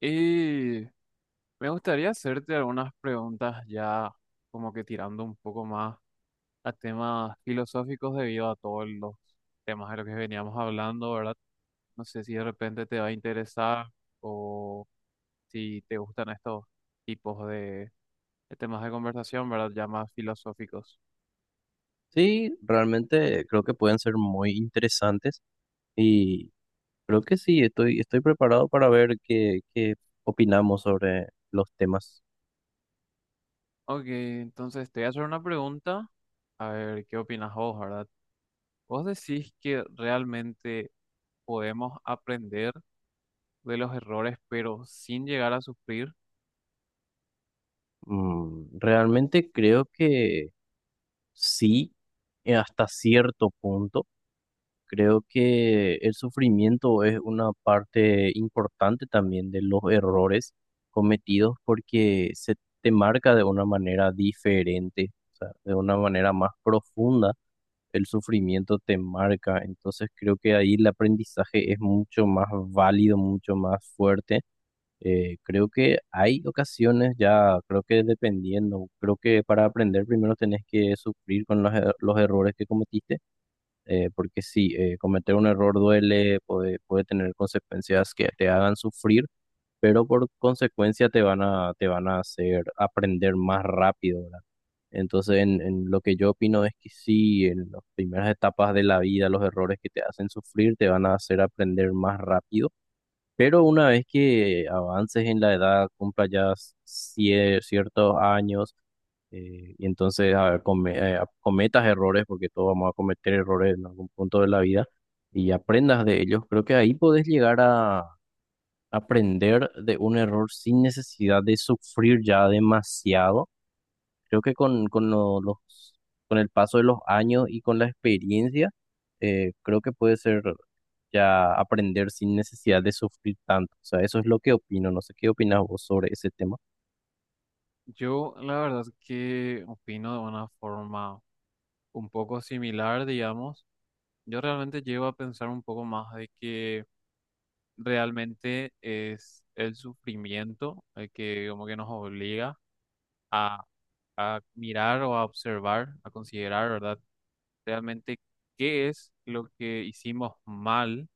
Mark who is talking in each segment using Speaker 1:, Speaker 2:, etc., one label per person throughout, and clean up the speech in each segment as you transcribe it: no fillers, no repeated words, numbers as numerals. Speaker 1: Y me gustaría hacerte algunas preguntas ya, como que tirando un poco más a temas filosóficos debido a todos los temas de los que veníamos hablando, ¿verdad? No sé si de repente te va a interesar o si te gustan estos tipos de temas de conversación, ¿verdad? Ya más filosóficos.
Speaker 2: Sí, realmente creo que pueden ser muy interesantes y creo que sí, estoy preparado para ver qué opinamos sobre los temas.
Speaker 1: Ok, entonces te voy a hacer una pregunta, a ver qué opinas vos, ¿verdad? ¿Vos decís que realmente podemos aprender de los errores, pero sin llegar a sufrir?
Speaker 2: Mm, realmente creo que sí, hasta cierto punto. Creo que el sufrimiento es una parte importante también de los errores cometidos porque se te marca de una manera diferente, o sea, de una manera más profunda el sufrimiento te marca. Entonces creo que ahí el aprendizaje es mucho más válido, mucho más fuerte. Creo que hay ocasiones ya, creo que dependiendo, creo que para aprender primero tenés que sufrir con los errores que cometiste, porque sí, cometer un error duele, puede tener consecuencias que te hagan sufrir, pero por consecuencia te te van a hacer aprender más rápido, ¿verdad? Entonces, en lo que yo opino es que sí, en las primeras etapas de la vida, los errores que te hacen sufrir te van a hacer aprender más rápido, pero una vez que avances en la edad, cumpla ya ciertos años, y entonces cometas errores, porque todos vamos a cometer errores en algún punto de la vida, y aprendas de ellos, creo que ahí podés llegar aprender de un error sin necesidad de sufrir ya demasiado. Creo que con los, con el paso de los años y con la experiencia, creo que puede ser ya aprender sin necesidad de sufrir tanto. O sea, eso es lo que opino. No sé qué opinas vos sobre ese tema.
Speaker 1: Yo la verdad que opino de una forma un poco similar, digamos. Yo realmente llego a pensar un poco más de que realmente es el sufrimiento el que como que nos obliga a, a mirar o a observar, a considerar, ¿verdad? Realmente qué es lo que hicimos mal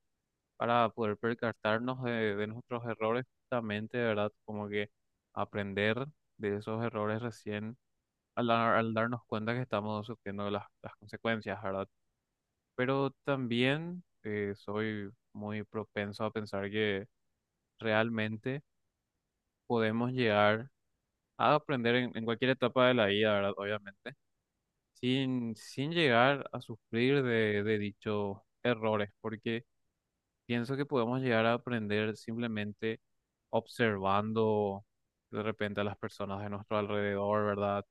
Speaker 1: para poder percatarnos de nuestros errores justamente, ¿verdad? Como que aprender de esos errores recién al darnos cuenta que estamos sufriendo las consecuencias, ¿verdad? Pero también soy muy propenso a pensar que realmente podemos llegar a aprender en cualquier etapa de la vida, ¿verdad? Obviamente, sin llegar a sufrir de dichos errores, porque... pienso que podemos llegar a aprender simplemente observando de repente a las personas de nuestro alrededor, ¿verdad?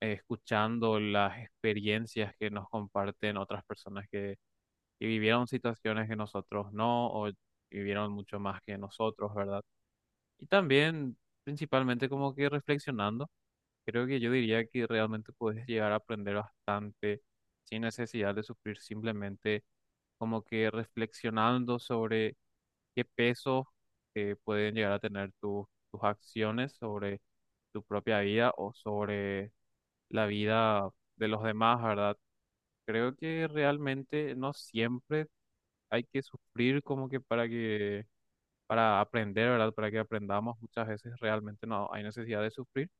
Speaker 1: Escuchando las experiencias que nos comparten otras que vivieron situaciones que nosotros no, o vivieron mucho más que nosotros, ¿verdad? Y también, principalmente, como que reflexionando. Creo que yo diría que realmente puedes llegar a aprender bastante sin necesidad de sufrir, simplemente como que reflexionando sobre qué peso pueden llegar a tener tus acciones sobre tu propia vida o sobre la vida de los demás, ¿verdad? Creo que realmente no siempre hay que sufrir como que para aprender, ¿verdad? Para que aprendamos, muchas veces realmente no hay necesidad de sufrir,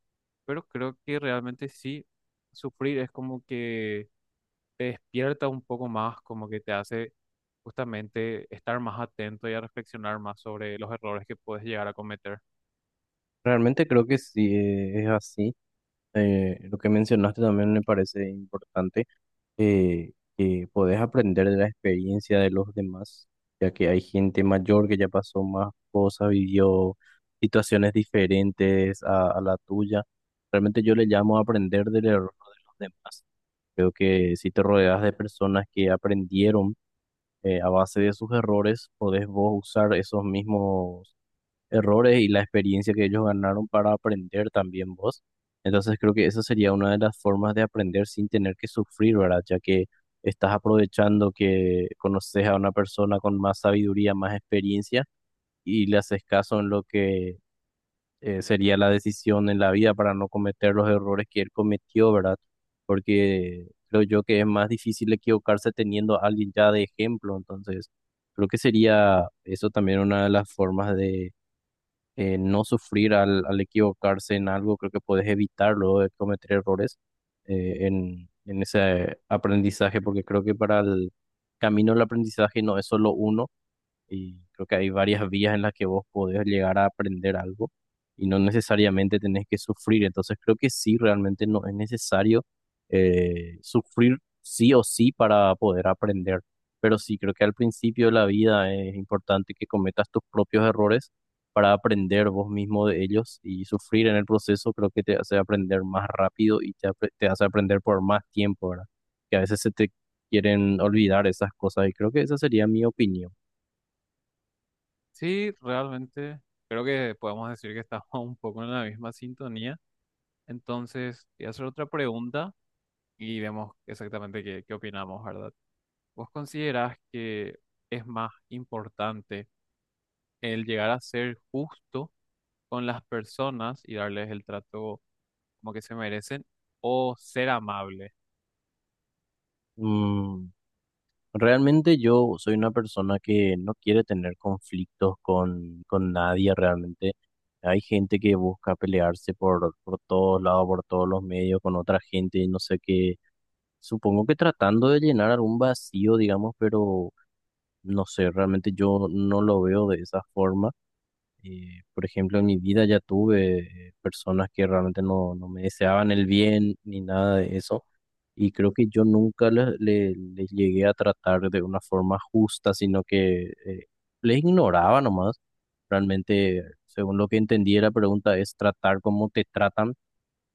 Speaker 1: pero creo que realmente sí, sufrir es como que te despierta un poco más, como que te hace justamente estar más atento y a reflexionar más sobre los errores que puedes llegar a cometer.
Speaker 2: Realmente creo que sí es así. Lo que mencionaste también me parece importante. eh, que podés aprender de la experiencia de los demás, ya que hay gente mayor que ya pasó más cosas, vivió situaciones diferentes a la tuya. Realmente yo le llamo aprender del error de los demás. Creo que si te rodeas de personas que aprendieron a base de sus errores, podés vos usar esos mismos errores y la experiencia que ellos ganaron para aprender también vos. Entonces creo que esa sería una de las formas de aprender sin tener que sufrir, ¿verdad? Ya que estás aprovechando que conoces a una persona con más sabiduría, más experiencia y le haces caso en lo que sería la decisión en la vida para no cometer los errores que él cometió, ¿verdad? Porque creo yo que es más difícil equivocarse teniendo a alguien ya de ejemplo, entonces creo que sería eso también una de las formas de no sufrir al equivocarse en algo, creo que puedes evitarlo de cometer errores en ese aprendizaje, porque creo que para el camino del aprendizaje no es solo uno y creo que hay varias vías en las que vos podés llegar a aprender algo y no necesariamente tenés que sufrir. Entonces creo que sí, realmente no es necesario sufrir sí o sí para poder aprender. Pero sí, creo que al principio de la vida es importante que cometas tus propios errores para aprender vos mismo de ellos y sufrir en el proceso creo que te hace aprender más rápido y te hace aprender por más tiempo, ¿verdad? Que a veces se te quieren olvidar esas cosas y creo que esa sería mi opinión.
Speaker 1: Sí, realmente creo que podemos decir que estamos un poco en la misma sintonía. Entonces, voy a hacer otra pregunta y vemos exactamente qué opinamos, ¿verdad? ¿Vos considerás que es más importante el llegar a ser justo con las personas y darles el trato como que se merecen, o ser amable?
Speaker 2: Mm, realmente yo soy una persona que no quiere tener conflictos con nadie realmente. Hay gente que busca pelearse por todos lados, por todos los medios, con otra gente, y no sé qué. Supongo que tratando de llenar algún vacío, digamos, pero no sé, realmente yo no lo veo de esa forma. Por ejemplo, en mi vida ya tuve personas que realmente no me deseaban el bien ni nada de eso. Y creo que yo nunca les llegué a tratar de una forma justa, sino que les ignoraba nomás. Realmente, según lo que entendí, la pregunta es tratar como te tratan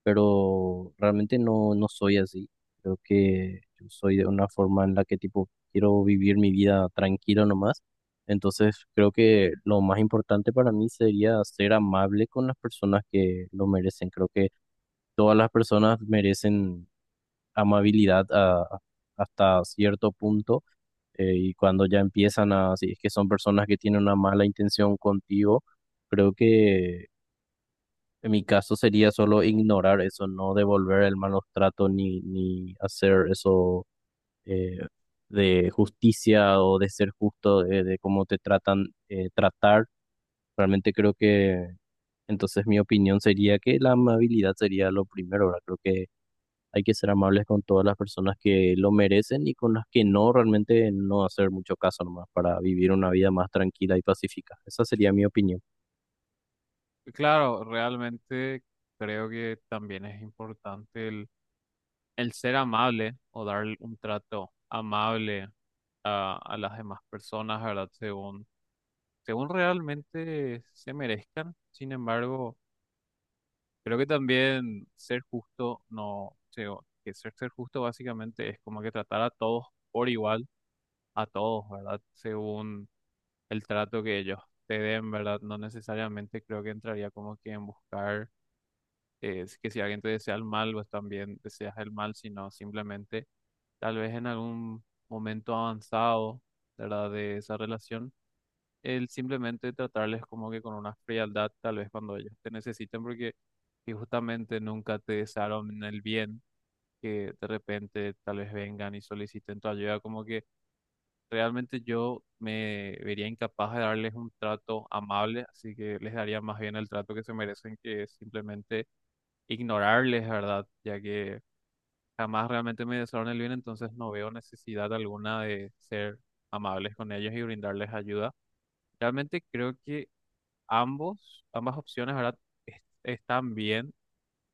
Speaker 2: pero realmente no soy así. Creo que yo soy de una forma en la que tipo quiero vivir mi vida tranquilo nomás. Entonces creo que lo más importante para mí sería ser amable con las personas que lo merecen. Creo que todas las personas merecen amabilidad a- hasta cierto punto. Y cuando ya empiezan a, si es que son personas que tienen una mala intención contigo, creo que en mi caso sería solo ignorar eso, no devolver el malos trato ni hacer eso eh, de justicia o de ser justo, de cómo te tratan, tratar. Realmente creo que entonces mi opinión sería que la amabilidad sería lo primero, ¿verdad? Creo que hay que ser amables con todas las personas que lo merecen y con las que no, realmente no hacer mucho caso nomás para vivir una vida más tranquila y pacífica. Esa sería mi opinión.
Speaker 1: Claro, realmente creo que también es importante el ser amable o dar un trato amable a las demás personas, ¿verdad? Según realmente se merezcan. Sin embargo, creo que también ser justo, no, que ser justo básicamente es como que tratar a todos por igual, a todos, ¿verdad? Según el trato que ellos te den, ¿verdad? No necesariamente creo que entraría como que en buscar, si, que si alguien te desea el mal, pues también deseas el mal, sino simplemente tal vez en algún momento avanzado, ¿verdad? De esa relación, el simplemente tratarles como que con una frialdad, tal vez cuando ellos te necesiten, porque y justamente nunca te desearon el bien, que de repente tal vez vengan y soliciten tu ayuda, como que realmente yo me vería incapaz de darles un trato amable, así que les daría más bien el trato que se merecen, que es simplemente ignorarles, ¿verdad? Ya que jamás realmente me desearon el bien, entonces no veo necesidad alguna de ser amables con ellos y brindarles ayuda. Realmente creo que ambas opciones, ¿verdad?, están bien,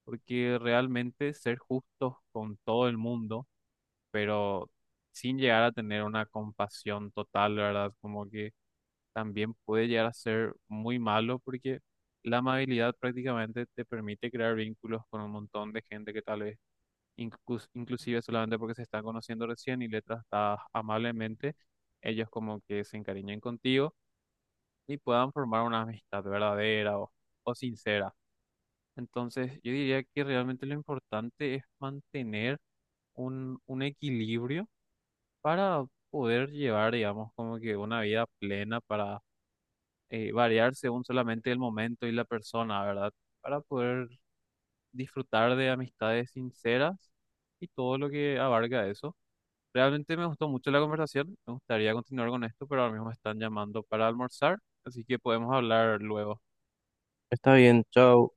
Speaker 1: porque realmente ser justos con todo el mundo, pero sin llegar a tener una compasión total, ¿verdad?, como que también puede llegar a ser muy malo, porque la amabilidad prácticamente te permite crear vínculos con un montón de gente que tal vez inclusive, solamente porque se están conociendo recién y le tratas amablemente, ellos como que se encariñen contigo y puedan formar una amistad verdadera o sincera. Entonces, yo diría que realmente lo importante es mantener un equilibrio para poder llevar, digamos, como que una vida plena, para variar según solamente el momento y la persona, ¿verdad? Para poder disfrutar de amistades sinceras y todo lo que abarca eso. Realmente me gustó mucho la conversación, me gustaría continuar con esto, pero ahora mismo me están llamando para almorzar, así que podemos hablar luego.
Speaker 2: Está bien, chao.